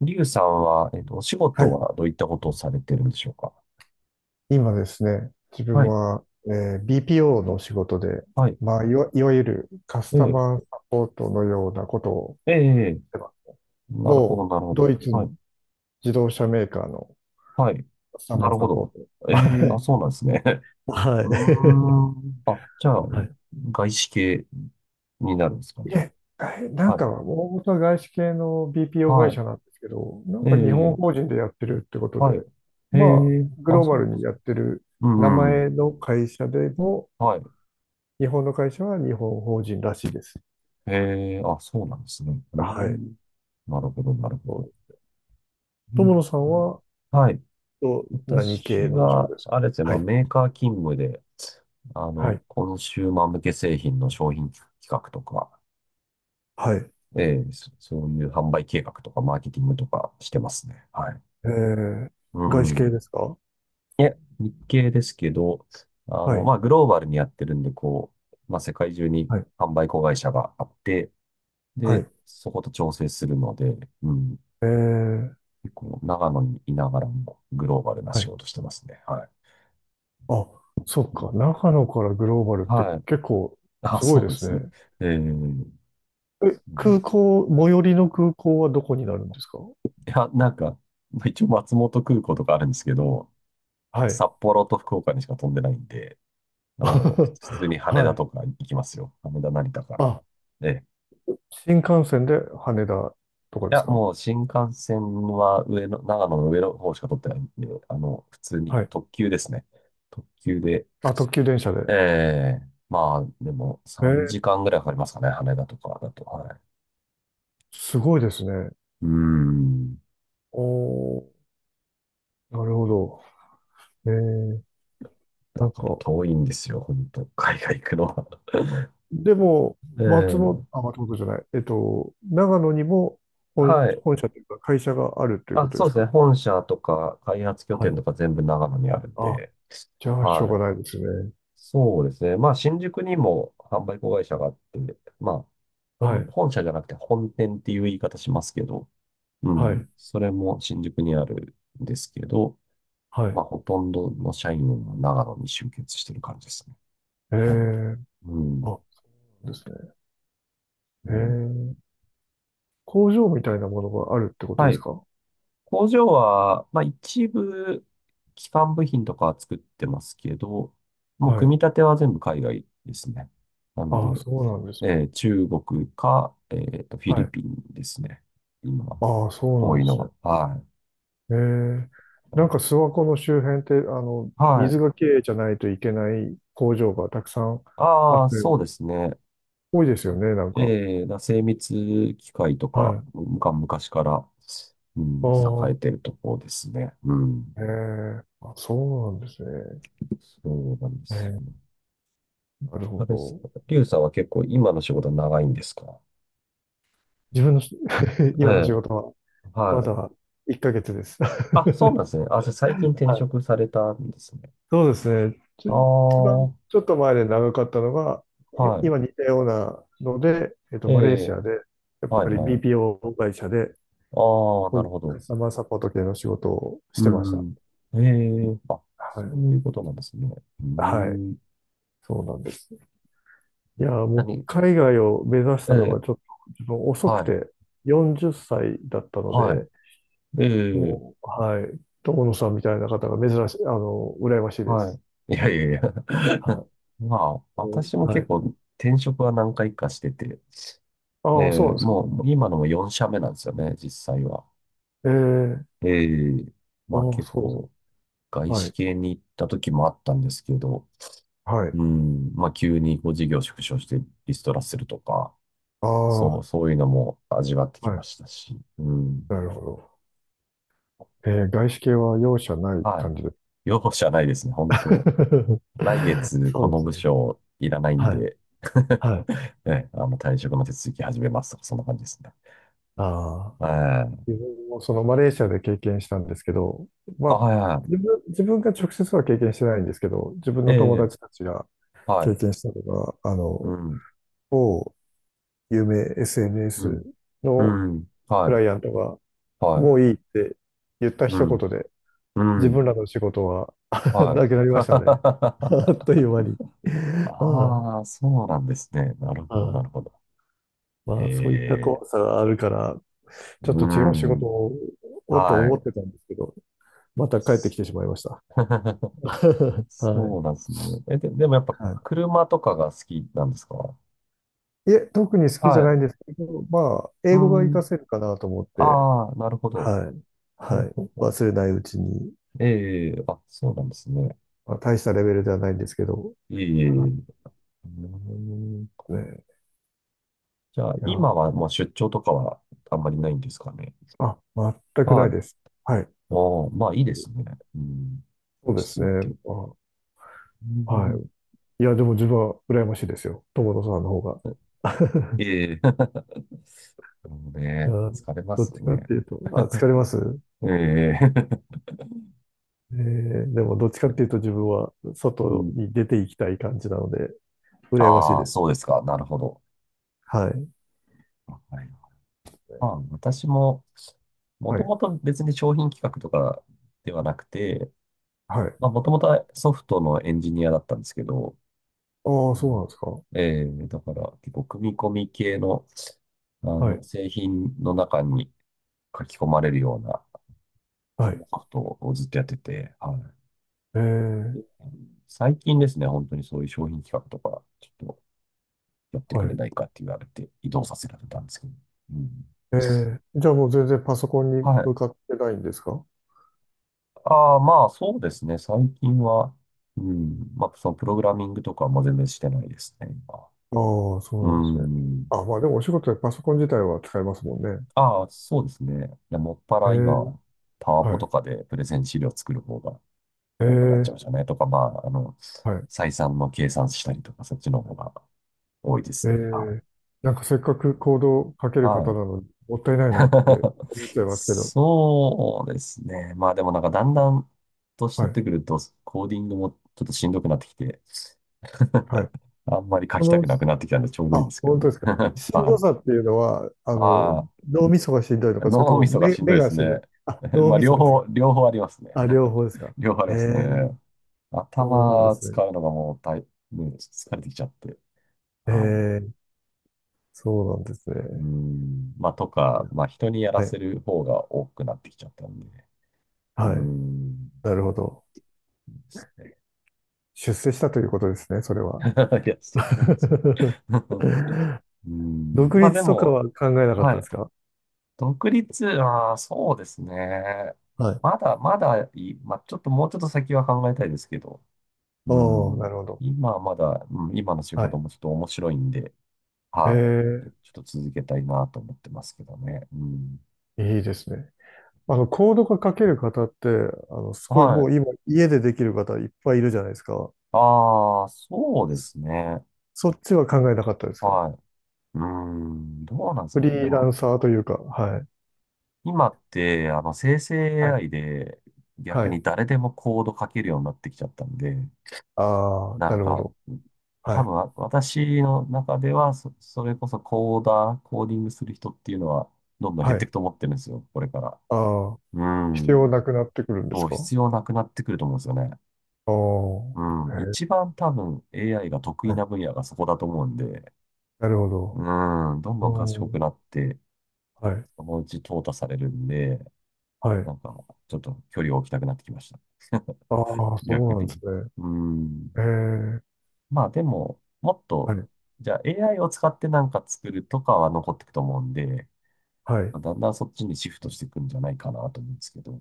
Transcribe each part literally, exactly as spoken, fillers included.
リュウさんは、えっと、お仕は事い。はどういったことをされてるんでしょうか？今ですね、自は分い、は、えー ビーピーオー の仕事で、はい、まあ、いわ、いわゆるカスえタえ、マーサポートのようなことをええ、ええ、してます、なるほ某ど、なるほど。ドイツはのい、自動車メーカーのはい、カスタなマーるサほポーど。ト。えはえ、あ、い。そうなんですね。はうい。ーん。あ、じゃあ、はい。外資系になるんですかいね。え、えなんはい、か、大元は外資系の ビーピーオー は会い、社なんですけど、なんえか日本え、法人でやってるってことで、はい、えまあ、え、グあ、ローバそうルなんでにすやっね。てるう名んうん、前の会社でも、はい、日本の会社は日本法人らしいです。ええ、あ、そうなんですね。うーはい。ん、なるほど、なるほそど。う。う友野ん、さんは、はい。と何私系のお仕事は、ですか？あれですね、まはあ、い。メーカー勤務で、あはの、い。コンシューマー向け製品の商品企画とか、はい。ええ、そそういう販売計画とか、マーケティングとかしてますね。はい。えー、う外資ん。系ですか？いえ、日系ですけど、あはの、い。まあ、グローバルにやってるんで、こう、まあ、世界中にはい。販売子会社があって、はで、い。そこと調整するので、うん。えー、結構、長野にいながらも、グローバルなは仕い。事してますね。はい。あ、そっうか。ん、長野からグローバルってはい。結構あ、すごいそでうですすね。ね。ええ、そえ、うなん空ですね。港、最寄りの空港はどこになるんですか？いや、なんか、まあ一応松本空港とかあるんですけど、はい。札幌と福岡にしか飛んでないんで、あの もう普通に羽は田とい。か行きますよ。羽田、成田から。あ、ええ。新幹線で羽田とかいでや、すか？もう新幹線は上の、長野の上の方しか取ってないんで、あの、普通にはい。特急ですね。特急で。あ、特急電車で。ええ、まあ、でもえ3ー、時間ぐらいかかりますかね。羽田とかだと。はい。すごいですね。うーん。おー、なるほど。えーなだんからか、遠いんですよ、本当海外行くのは。でも、え松本、え、あ、松本じゃない、えっと、長野にも本、はい。本社というか会社があるというこあ、とでそうすですね。か？本社とか開発拠は点い。とか全部長野にあるんあ、で、じゃあ、しょうはがい。ないですね。そうですね。まあ、新宿にも販売子会社があって、まあ、は本、い、本社じゃなくて本店っていう言い方しますけど、うはい、ん。それも新宿にあるんですけど、はい。まあ、ほとんどの社員は長野に集結してる感じですね。えあ、え、うあ、ん。そうですね。うえん。え、工場みたいなものがあるってことはですい。か？工場は、まあ、一部、基幹部品とかは作ってますけど、もうはい。組み立ては全部海外ですね。なんあ、で、そうなんでえすね。ー中国か、えーと、フィはリい。ピンですね。今、あ、そう多なんいでのすね。は。はい。ええ、なんか諏訪湖の周辺って、あの、は水い。がきれいじゃないといけない工場がたくさんあっあて、あ、そうですね。多いですよね、なんか。えー、だから精密機械とはか、い。が昔から、うあん、栄えあ、てるところですね。うん。ええ、あ、そうなんですね。そうなんですえよ。え、なるあほれですど。か、リュウさんは結構今の仕事長いんですか？自分のし え今の仕え、事は、はまい。だいっかげつです。はあ、そうなんですね。あ、じゃあ最近転い。職されたんですね。そうですね。ちあょ、あ、一番はちょっと前で長かったのが、いい。今似たようなので、えっと、えマレーシえ、アで、やっはぱい、り はい。ビーピーオー 会社で、ああ、こなういるうほカど。スタマーサポート系の仕事をしうてました。ん、うん。ええ、はそい。ういうことなんですね。うーはい。ん。そうなんです。いや、もう何、海外を目指しえたのがえ、ちょっと自分遅はくい、てよんじゅっさいだったのはい。で、ええ、もう、はい、友野さんみたいな方が珍しい、あの、羨ましいではす。い。いやいやいや。はまあ、い。うん、私もは結い。構転職は何回かしてて、えああ、そうえ、なんですか。もう今のもよん社目なんですよね、実際は。ええ、ええ、まあああ、結そうです構外か。は資い。系に行った時もあったんですけど、はい。うん。まあ、急にこう事業縮小してリストラするとか、あそう、あ、そういうのも味わってきはまい。したし。うん。なるほど。ええ、外資系は容赦ないはい。感じです。容赦ないですね、本当。来 月そこうのです部よね。署いらないんはい。で、はい。ね、あの退職の手続き始めますとか、そんな感じですね。ああ。ええ。自分もそのマレーシアで経験したんですけど、まあ、あ、はいは自分、自分が直接は経験してないんですけど、自分い。えの友え、達たちがは経い。験したのが、あうの、ん、某有名 うん、エスエヌエス うのん、クはい、ライアントが、はもい、ういいって言ったう一ん、言で、う自分ん、らの仕事は はなくない。りましたね。あっ という間に。はああ、そうなんですね。なるい。ほど、はない。るほど。まあ、そういったええ、怖さがあるから、うちょっと違ーう仕ん。事を、をとは思っい。てたんですけど、また帰ってそきてしう。 まいました。はい。そうなんですね。え、で、でもやっぱは車とかが好きなんですか？い。いえ、特に好きじゃはい。ないんですけど、まあ、うー英語が活かん。せるかなと思って、ああ、なるほど。はい。ほはうほい。うほ忘れないうちに、う。ええ、あ、そうなんですね。まあ、大したレベルではないんですけど、ええ、はうーん。い、ね。じゃあ、いや、今はもう出張とかはあんまりないんですかね。あ、全くなはいい。です。はい。ああ、まあいいですね。うん。そ落うでちす着いね。て。あ、うはん。い。いや、でも自分は羨ましいですよ。友野さんの方が。ええ。 でもいや、ね、疲れまどっすちかっね。ていうと、あ、疲れます？ええ、えー、でもどっちかっていうと自分はう外ん。に出ていきたい感じなので、羨ましいああ、でそす。うですか。なるほど。はい。はい。まあ、私も、もはとい。もと別に商品企画とかではなくて、はい。まあ、もともとはソフトのエンジニアだったんですけど、ああ、うそうなんん、ですか。えー、だから結構組み込み系の、あはい。の、製品の中に書き込まれるような、はそのい。ソフトをずっとやってて、はえい。ーで最近ですね、本当にそういう商品企画とか、ちょっとやってはくれい。ないかって言われて、移動させられたんですけど、うん。えーじゃあもう全然パソコンにはい。向かってないんですか？ああ、まあそうですね。最近は、うん、まあそのプログラミングとかも全然してないですね、今。ああ、そうなうんですね。ん。あ、まあでもお仕事でパソコン自体は使えますもんね。ああ、そうですね。いや、もっぱえらー今、パワポはい。とかでプレゼン資料作る方がえ多くなっちーゃいましたね。とか、まあ、あの、はい。採算の計算したりとか、そっちの方が多いでえすね。はーなんかせっかくコードを書けい。る方はい。なのに、もったいないなって思っち ゃいますけど。そうですね。まあでもなんかだんだん年は取っい。てくると、コーディングもちょっとしんどくなってきて、はい。あんまり書そきたの、くなくなってきたんでちょうどいいであ、すけど本ね。当ですか。しんどはい。さっていうのは、ああの、脳みそがしんどいのあ、か、それと脳もみそが目、しんど目いでがすしんどい？ね。あ、脳まあ、みそ両です方、が。両方ありますね。あ、両方ですか。両方ありへますえ、ね。そうなんで頭すね。使うのがもう大、ね、疲れてきちゃって。えはえ、そうなんですい。うね。ん。まあ、といか、や、まあ、人にやらはい、せる方が多くなってきちゃったんで。うはい。ん。でなるほど。すね。 出世したということですね、それは。いや、そうそうなんですかね。うん。独まあ、で立とかはも、考えなかっはたでい。すか？独立、ああ、そうですね。はい。まだ、まだいい、まあ、ちょっともうちょっと先は考えたいですけど、うおー、ん。なるほど。今はまだ、うん、今の仕は事い。もちょっと面白いんで、えはい。ー、ちょっと続けたいなと思ってますけどね。うん。いいですね。あの、コードが書ける方って、あの、すごいはもうい。今、家でできる方いっぱいいるじゃないですか。ああ、そうでそすね。そっちは考えなかったですか？はい。うーん、どうなんですフかリね。でーラも、ンサーというか、はい。今って、あの、生成 はい。エーアイ で逆はい。に誰でもコード書けるようになってきちゃったんで、ああ、ななんるほか、ど。は多い。分、わ私の中ではそ、それこそコーダー、コーディングする人っていうのは、どんどん減はっていい。くと思ってるんですよ、これから。ああ、う必要なん。くなってくるんですそう、か？必要なくなってくると思うんですよね。あうん。あ、へ一え、番多分 エーアイ が得意はない。分野がそこだと思うんで、なるほど。うん。どんどんお賢ー、くなって、はい。そのうち淘汰されるんで、はい。なんか、ちょっと距離を置きたくなってきました。ああ、そ逆うなんに。ですね。うん。ええ、まあでも、もっはい。と、じゃあ エーアイ を使ってなんか作るとかは残っていくと思うんで、はい。まあだんだんそっちにシフトしていくんじゃないかなと思うんですけど、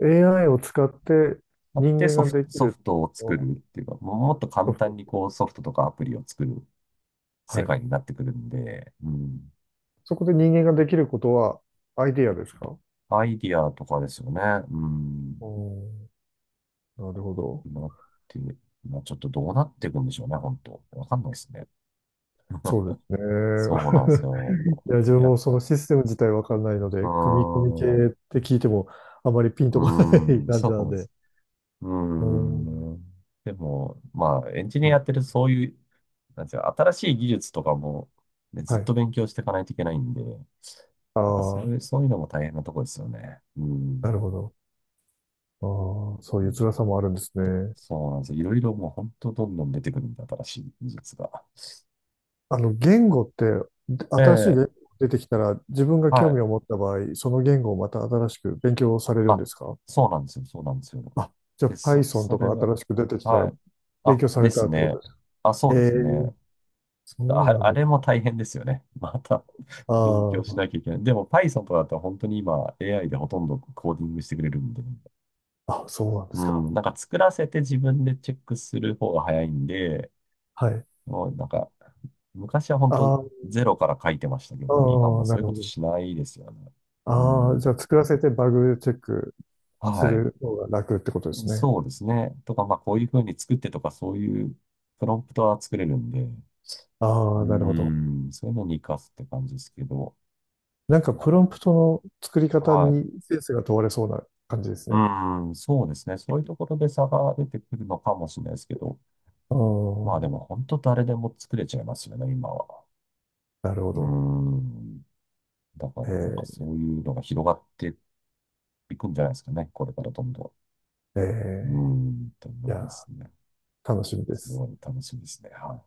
エーアイ を使ってあっ人て間ソがフでト、きソフるトをの作はるっていうか、ももっと簡ソフ単ト。にこうソフトとかアプリを作る世はい。界になってくるんで、うん、そこで人間ができることはアイディアですか？アイディアとかですよね。うん、おー、なるほど。なって、まあちょっとどうなっていくんでしょうね、本当。わかんないですね。そ うですそうなんですね。よ。いや、自分やっもそぱ、のうシステム自体わかんないのーで、組み込み系っん、うて聞いてもあまりピンとこないーん、感じそなんうでで。す、うーおー、ん。でも、まあ、エンジニうアやん、ってるとそういう、なんていうか、新しい技術とかも、ね、ずはっとい。勉強していかないといけないんで、なんかそあういう、あ、そういうのも大変なとこですよね。うなん。るほど。ああ、そうういう辛ん、さもあるんですね。そうなんですよ。いろいろもう本当どんどん出てくるんで、新しい技術が。あの、言語って、でえ新しいえ、言語出てきたら、自分が興は味い。を持った場合、その言語をまた新しく勉強されるんあ、ですか？そうなんですよ。そうなんですよ。あ、じゃあ で、そ、Python そとれかは、新しく出てきたはら、い。勉あ、強さでれたすってことね。ですか？あ、そえうですね。え、そうあ、なんあでれす。も大変ですよね。また 勉強しあなきゃいけない。でも パイソン とかだと本当に今 エーアイ でほとんどコーディングしてくれるんで。あ、あ、そうなんでうすか。ん、なんか作らせて自分でチェックする方が早いんで、はい。もうなんか昔は本当ああ、ゼロから書いてましたけあど、今もあ、うそなういるうこほとど。しないですよね。うああ、ん、じゃあ作らせてバグチェックすはい。る方が楽ってことですね。そうですね。とか、まあこういう風に作ってとかそういうプロンプトは作れるんで、うああ、なるほど。ん、そういうのに活かすって感じですけど、なんかまプロンプトの作りあ、方はにい、センスが問われそうな感じですね。うん、そうですね。そういうところで差が出てくるのかもしれないですけど、うまあでん。も本当誰でも作れちゃいますよね、今は。なるほうど。ん。だかえらなんかーそういうのが広がっていくんじゃないですかね、これからどんどえん。うん、とー思いいや、ますね。楽しみですす。ごい楽しみですね。はい。